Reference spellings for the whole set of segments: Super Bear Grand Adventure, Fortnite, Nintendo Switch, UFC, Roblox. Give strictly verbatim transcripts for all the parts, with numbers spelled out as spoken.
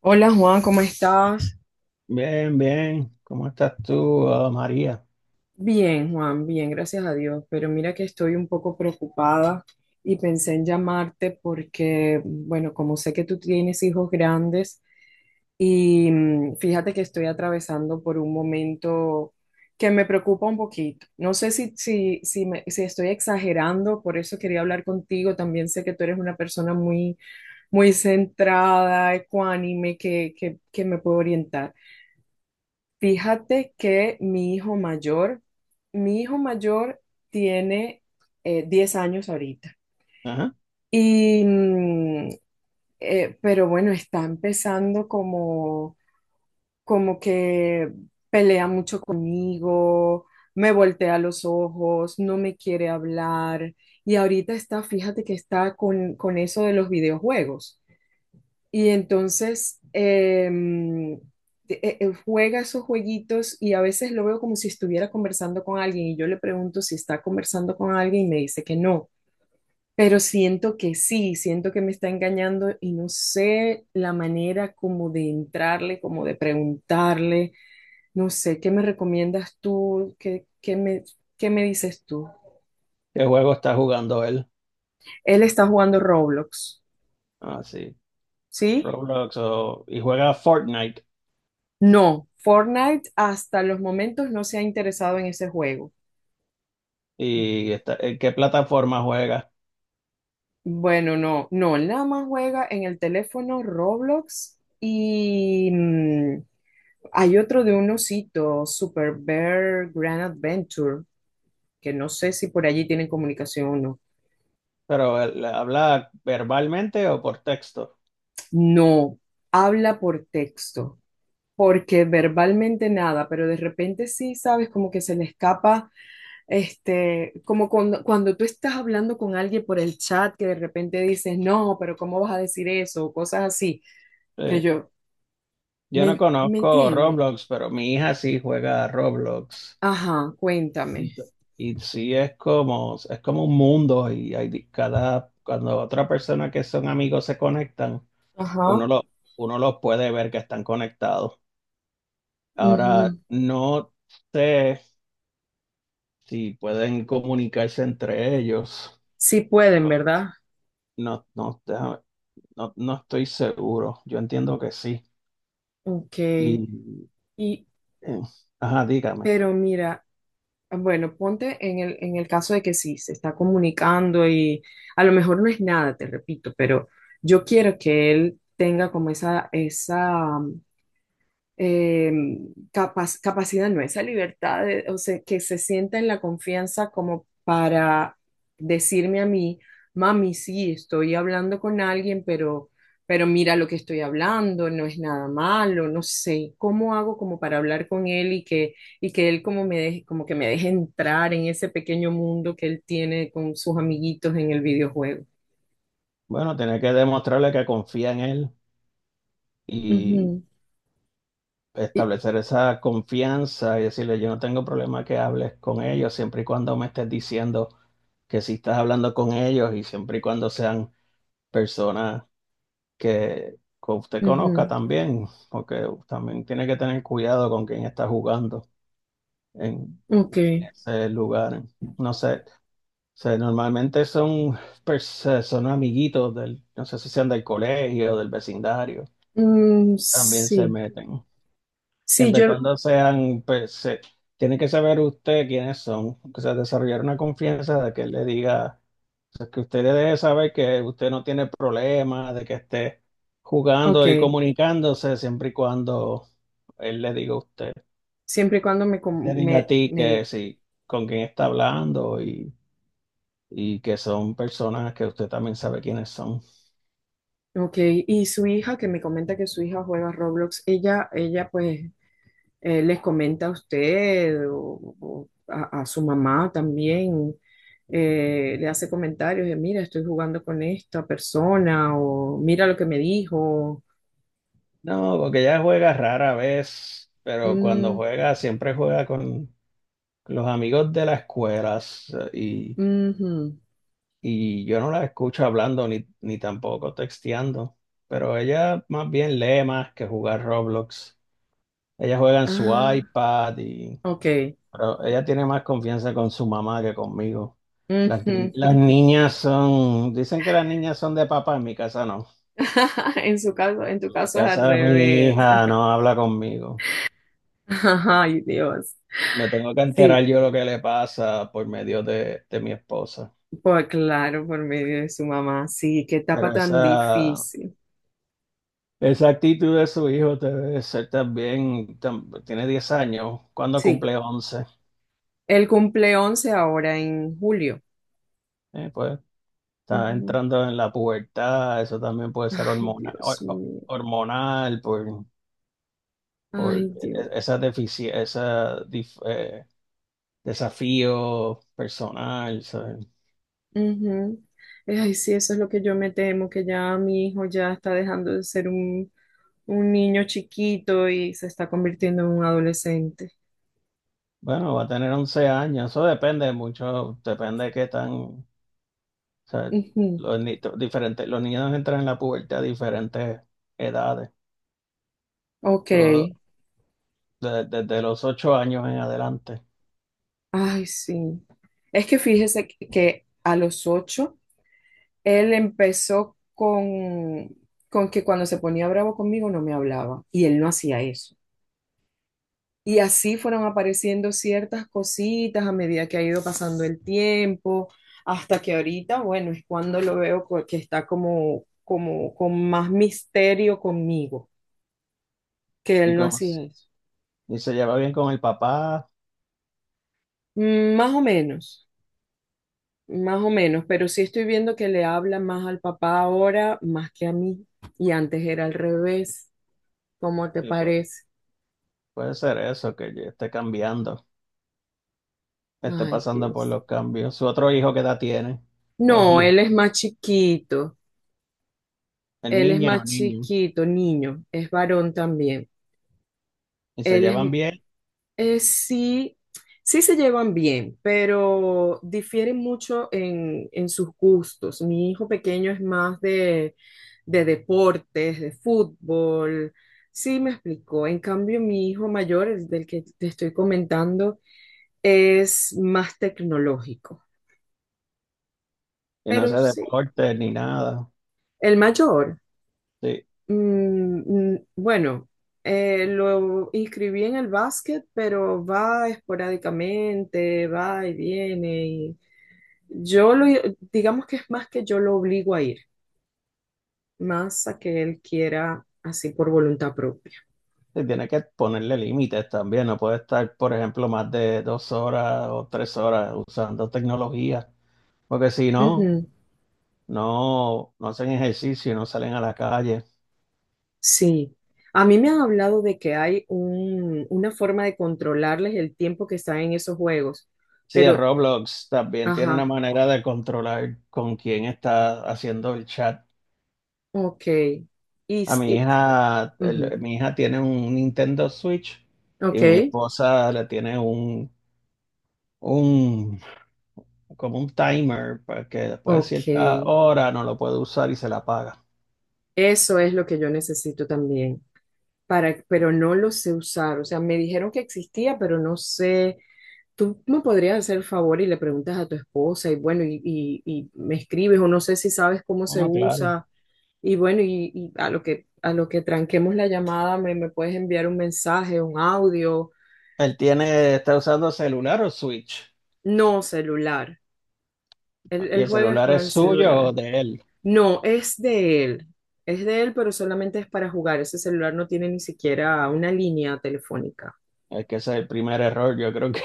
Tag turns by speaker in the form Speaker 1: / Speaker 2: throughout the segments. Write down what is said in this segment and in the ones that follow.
Speaker 1: Hola Juan, ¿cómo estás?
Speaker 2: Bien, bien. ¿Cómo estás tú, ah, María?
Speaker 1: Bien, Juan, bien, gracias a Dios. Pero mira que estoy un poco preocupada y pensé en llamarte porque, bueno, como sé que tú tienes hijos grandes y mm, fíjate que estoy atravesando por un momento que me preocupa un poquito. No sé si, si, si, me- si estoy exagerando, por eso quería hablar contigo. También sé que tú eres una persona muy, muy centrada, ecuánime, que, que, que me puede orientar. Fíjate que mi hijo mayor, mi hijo mayor tiene eh, diez años ahorita.
Speaker 2: Ajá.
Speaker 1: Y, mm, eh, pero bueno, está empezando como, como que pelea mucho conmigo, me voltea los ojos, no me quiere hablar. Y ahorita está, fíjate que está con, con eso de los videojuegos. Y entonces em, eh, eh, juega esos jueguitos y a veces lo veo como si estuviera conversando con alguien y yo le pregunto si está conversando con alguien y me dice que no, pero siento que sí, siento que me está engañando y no sé la manera como de entrarle, como de preguntarle, no sé, ¿qué me recomiendas tú? ¿Qué, qué me, qué me dices tú?
Speaker 2: ¿Qué juego está jugando él?
Speaker 1: Él está jugando Roblox,
Speaker 2: Ah, sí.
Speaker 1: ¿sí?
Speaker 2: Roblox o- y juega Fortnite.
Speaker 1: No, Fortnite hasta los momentos no se ha interesado en ese juego.
Speaker 2: ¿Y está- en qué plataforma juega?
Speaker 1: Bueno, no, no, él nada más juega en el teléfono Roblox y mm, hay otro de un osito, Super Bear Grand Adventure, que no sé si por allí tienen comunicación o no.
Speaker 2: Pero él habla verbalmente o por texto.
Speaker 1: No, habla por texto, porque verbalmente nada, pero de repente sí, sabes, como que se le escapa, este, como cuando, cuando tú estás hablando con alguien por el chat, que de repente dices, no, pero ¿cómo vas a decir eso? O cosas así que
Speaker 2: Sí.
Speaker 1: yo,
Speaker 2: Yo no
Speaker 1: ¿me, me
Speaker 2: conozco
Speaker 1: entiende?
Speaker 2: Roblox, pero mi hija sí juega a Roblox.
Speaker 1: Ajá,
Speaker 2: Y,
Speaker 1: cuéntame.
Speaker 2: t- y sí es como, es como un mundo y hay di- cada, cuando otra persona que son amigos se conectan, uno
Speaker 1: Ajá.
Speaker 2: lo, uno los puede ver que están conectados. Ahora,
Speaker 1: Ujú.
Speaker 2: no sé si pueden comunicarse entre ellos.
Speaker 1: Sí pueden, ¿verdad?
Speaker 2: No, no, déjame- no, no estoy seguro. Yo entiendo que sí.
Speaker 1: Ok.
Speaker 2: Y,
Speaker 1: Y,
Speaker 2: eh, ajá, dígame.
Speaker 1: pero mira, bueno, ponte en el, en el caso de que sí, se está comunicando y a lo mejor no es nada, te repito, pero yo quiero que él tenga como esa, esa eh, capac- capacidad, no, esa libertad, de- o sea, que se sienta en la confianza como para decirme a mí, mami, sí, estoy hablando con alguien, pero, pero mira lo que estoy hablando, no es nada malo, no sé, ¿cómo hago como para hablar con él y que, y que él como me deje, como que me deje entrar en ese pequeño mundo que él tiene con sus amiguitos en el videojuego?
Speaker 2: Bueno, tiene que demostrarle que confía en él y
Speaker 1: Ujú. Y-
Speaker 2: establecer esa confianza y decirle, yo no tengo problema que hables con ellos siempre y cuando me estés diciendo que sí estás hablando con ellos y siempre y cuando sean personas que, que usted conozca
Speaker 1: ujú.
Speaker 2: también, porque también tiene que tener cuidado con quién está jugando en
Speaker 1: Ok.
Speaker 2: ese lugar. No sé, o sea, normalmente son, pers- son amiguitos del, no sé si sean del colegio, del vecindario,
Speaker 1: Mm,
Speaker 2: también se
Speaker 1: sí.
Speaker 2: meten.
Speaker 1: Sí,
Speaker 2: Siempre y
Speaker 1: yo.
Speaker 2: cuando sean, pues, se- tiene que saber usted quiénes son, o sea, desarrollar una confianza de que él le diga. O sea, que usted debe saber que usted no tiene problema de que esté
Speaker 1: Ok,
Speaker 2: jugando y comunicándose siempre y cuando él le diga a usted,
Speaker 1: siempre y cuando me,
Speaker 2: te
Speaker 1: com-
Speaker 2: diga a
Speaker 1: me,
Speaker 2: ti
Speaker 1: me
Speaker 2: que
Speaker 1: diga.
Speaker 2: sí, con quién está hablando y, y que son personas que usted también sabe quiénes son.
Speaker 1: Ok, y su hija, que me comenta que su hija juega Roblox, ella, ella pues eh, les comenta a usted o, o a, a su mamá también, eh, le hace comentarios de, mira, estoy jugando con esta persona o mira lo que me dijo.
Speaker 2: No, porque ella juega rara vez, pero cuando
Speaker 1: Mm,
Speaker 2: juega siempre juega con los amigos de las escuelas
Speaker 1: ujú.
Speaker 2: y yo no la escucho hablando ni, ni tampoco texteando, pero ella más bien lee más que jugar Roblox. Ella juega en su
Speaker 1: Ah,
Speaker 2: iPad, y
Speaker 1: ok.
Speaker 2: pero ella tiene más confianza con su mamá que conmigo. Las, ni-
Speaker 1: Ujú.
Speaker 2: las niñas son, dicen que las niñas son de papá, en mi casa no.
Speaker 1: En su caso, en tu
Speaker 2: En mi
Speaker 1: caso es al
Speaker 2: casa mi
Speaker 1: revés.
Speaker 2: hija no habla conmigo.
Speaker 1: Ay, Dios.
Speaker 2: Me tengo que enterar
Speaker 1: Sí,
Speaker 2: yo lo que le pasa por medio de, de mi esposa.
Speaker 1: pues claro, por medio de su mamá. Sí, qué
Speaker 2: Pero
Speaker 1: etapa
Speaker 2: esa,
Speaker 1: tan difícil.
Speaker 2: Esa actitud de su hijo debe ser también, tam- tiene diez años, cuando
Speaker 1: Sí,
Speaker 2: cumple once?
Speaker 1: él cumple once ahora en julio.
Speaker 2: Eh, pues está
Speaker 1: Ujú.
Speaker 2: entrando en la pubertad, eso también puede ser
Speaker 1: Ay,
Speaker 2: hormonal,
Speaker 1: Dios
Speaker 2: hor- hor-
Speaker 1: mío.
Speaker 2: hormonal por, por
Speaker 1: Ay,
Speaker 2: e-
Speaker 1: Dios.
Speaker 2: esa deficiencia, esa dif- eh, desafío personal. ¿Sabes?
Speaker 1: Ujú. Ay, sí, eso es lo que yo me temo, que ya mi hijo ya está dejando de ser un, un niño chiquito y se está convirtiendo en un adolescente.
Speaker 2: Bueno, va a tener once años, eso depende mucho, depende de qué tan, o sea,
Speaker 1: Ujú.
Speaker 2: los, ni- diferentes, los niños entran en la pubertad a diferentes edades.
Speaker 1: Ok.
Speaker 2: Todo. De- desde los ocho años en adelante.
Speaker 1: Ay, sí. Es que fíjese que que a los ocho él empezó con, con que cuando se ponía bravo conmigo no me hablaba y él no hacía eso. Y así fueron apareciendo ciertas cositas a medida que ha ido pasando el tiempo, hasta que ahorita, bueno, es cuando lo veo co- que está como, como con más misterio conmigo, que
Speaker 2: Y
Speaker 1: él no
Speaker 2: como s-
Speaker 1: hacía eso.
Speaker 2: y se lleva bien con el papá,
Speaker 1: Mm, más o menos, más o menos, pero sí estoy viendo que le habla más al papá ahora, más que a mí, y antes era al revés. ¿Cómo te
Speaker 2: y pues
Speaker 1: parece?
Speaker 2: puede ser eso, que ya esté cambiando, esté
Speaker 1: Ay,
Speaker 2: pasando por
Speaker 1: Dios.
Speaker 2: los cambios. Su otro hijo que edad tiene, o es
Speaker 1: No,
Speaker 2: hija,
Speaker 1: él es más chiquito.
Speaker 2: es
Speaker 1: Él es
Speaker 2: niña
Speaker 1: más
Speaker 2: o niño,
Speaker 1: chiquito, niño. Es varón también.
Speaker 2: y se
Speaker 1: Él es,
Speaker 2: llevan bien,
Speaker 1: eh, sí, sí se llevan bien, pero difieren mucho en, en sus gustos. Mi hijo pequeño es más de, de deportes, de fútbol. Sí, me explicó. En cambio, mi hijo mayor, el del que te estoy comentando, es más tecnológico.
Speaker 2: y no hace
Speaker 1: Pero sí,
Speaker 2: deporte ni nada.
Speaker 1: el mayor.
Speaker 2: Sí,
Speaker 1: Mm, mm, bueno, eh, lo inscribí en el básquet, pero va esporádicamente, va y viene. Y yo lo, digamos que es más que yo lo obligo a ir, más a que él quiera así por voluntad propia.
Speaker 2: sí, tiene que ponerle límites también, no puede estar, por ejemplo, más de dos horas o tres horas usando tecnología, porque si no,
Speaker 1: Ujú,
Speaker 2: no, no hacen ejercicio, no salen a la calle.
Speaker 1: sí. A mí me han hablado de que hay un- una forma de controlarles el tiempo que están en esos juegos,
Speaker 2: Sí, el
Speaker 1: pero,
Speaker 2: Roblox también tiene una
Speaker 1: ajá,
Speaker 2: manera de controlar con quién está haciendo el chat.
Speaker 1: ok. Y,
Speaker 2: A
Speaker 1: s-
Speaker 2: mi
Speaker 1: y-
Speaker 2: hija, el-
Speaker 1: ujú,
Speaker 2: mi hija tiene un Nintendo Switch y
Speaker 1: ok,
Speaker 2: mi esposa le tiene un, un como un timer para que después de cierta
Speaker 1: ok.
Speaker 2: hora no lo puede usar y se la apaga.
Speaker 1: Eso es lo que yo necesito también, para, pero no lo sé usar. O sea, me dijeron que existía, pero no sé. Tú me podrías hacer el favor y le preguntas a tu esposa y bueno, y, y- y me escribes o no sé si sabes cómo
Speaker 2: Ah,
Speaker 1: se
Speaker 2: no, claro.
Speaker 1: usa. Y bueno, y, y a lo que, a lo que tranquemos la llamada, me, me puedes enviar un mensaje, un audio.
Speaker 2: Él tiene, está usando celular o Switch,
Speaker 1: No, celular. Él,
Speaker 2: y
Speaker 1: él
Speaker 2: el
Speaker 1: juega es
Speaker 2: celular
Speaker 1: con
Speaker 2: es
Speaker 1: el
Speaker 2: suyo
Speaker 1: celular.
Speaker 2: o de él.
Speaker 1: No, es de él. Es de él, pero solamente es para jugar. Ese celular no tiene ni siquiera una línea telefónica.
Speaker 2: Es que ese es el primer error, yo creo que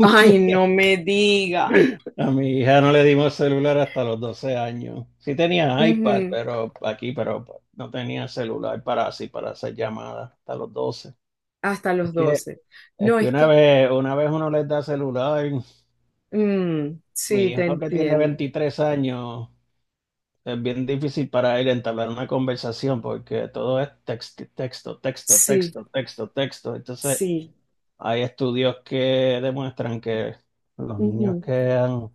Speaker 1: Ay, no me diga.
Speaker 2: a mi hija no le dimos celular hasta los doce años. Sí tenía iPad,
Speaker 1: Ujú,
Speaker 2: pero aquí, pero no tenía celular para así, para hacer llamadas hasta los doce.
Speaker 1: hasta
Speaker 2: Es
Speaker 1: los
Speaker 2: que,
Speaker 1: doce.
Speaker 2: es
Speaker 1: No,
Speaker 2: que
Speaker 1: es
Speaker 2: una
Speaker 1: que,
Speaker 2: vez, una vez uno les da celular,
Speaker 1: mm, sí,
Speaker 2: mi
Speaker 1: te
Speaker 2: hijo que tiene
Speaker 1: entiendo.
Speaker 2: veintitrés años, es bien difícil para él entablar una conversación porque todo es texto, texto, texto,
Speaker 1: Sí,
Speaker 2: texto, texto, texto. Entonces,
Speaker 1: sí.
Speaker 2: hay estudios que demuestran que los niños que han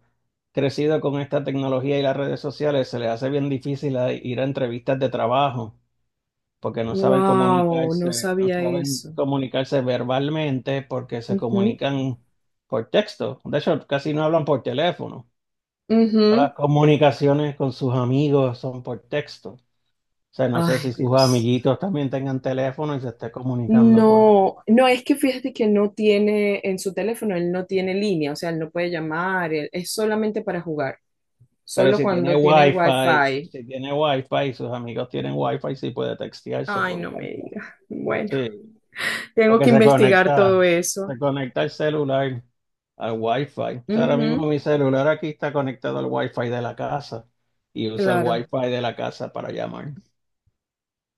Speaker 2: crecido con esta tecnología y las redes sociales, se les hace bien difícil a- ir a entrevistas de trabajo porque no saben
Speaker 1: Wow, no
Speaker 2: comunicarse, no
Speaker 1: sabía
Speaker 2: saben
Speaker 1: eso.
Speaker 2: comunicarse verbalmente porque se
Speaker 1: Ujú,
Speaker 2: comunican por texto. De hecho, casi no hablan por teléfono. Las
Speaker 1: ujú.
Speaker 2: comunicaciones con sus amigos son por texto. O sea, no sé
Speaker 1: Ay,
Speaker 2: si sus
Speaker 1: Dios.
Speaker 2: amiguitos también tengan teléfono y se esté comunicando por...
Speaker 1: No, no, es que fíjate que no tiene en su teléfono, él no tiene línea, o sea, él no puede llamar, él- es solamente para jugar,
Speaker 2: Pero
Speaker 1: solo
Speaker 2: si tiene
Speaker 1: cuando tiene el
Speaker 2: wifi,
Speaker 1: wifi.
Speaker 2: si tiene wifi y sus amigos tienen wifi, sí puede textearse
Speaker 1: Ay,
Speaker 2: por
Speaker 1: no me
Speaker 2: wifi.
Speaker 1: diga. Bueno,
Speaker 2: Sí.
Speaker 1: tengo
Speaker 2: Porque
Speaker 1: que
Speaker 2: se
Speaker 1: investigar
Speaker 2: conecta,
Speaker 1: todo eso.
Speaker 2: se conecta el celular al Wi-Fi. O sea, ahora mismo mi celular aquí está conectado al Wi-Fi de la casa y usa el
Speaker 1: Claro.
Speaker 2: Wi-Fi de la casa para llamar.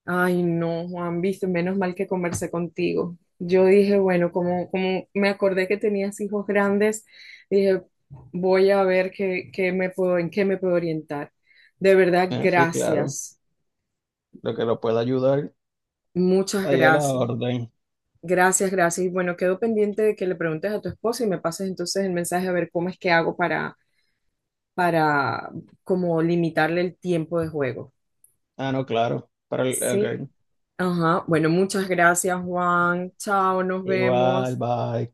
Speaker 1: Ay, no, Juan, viste, menos mal que conversé contigo. Yo dije, bueno, como, como me acordé que tenías hijos grandes, dije, voy a ver qué, qué me puedo, en qué me puedo orientar. De verdad,
Speaker 2: Ah, sí, claro.
Speaker 1: gracias.
Speaker 2: Lo que lo pueda ayudar,
Speaker 1: Muchas
Speaker 2: ahí a la
Speaker 1: gracias.
Speaker 2: orden.
Speaker 1: Gracias, gracias. Y bueno, quedo pendiente de que le preguntes a tu esposa y me pases entonces el mensaje a ver cómo es que hago para, para como limitarle el tiempo de juego.
Speaker 2: Ah, no, claro. Para el,
Speaker 1: Sí.
Speaker 2: ok.
Speaker 1: Ajá. Bueno, muchas gracias, Juan. Chao, nos
Speaker 2: Igual,
Speaker 1: vemos.
Speaker 2: bye.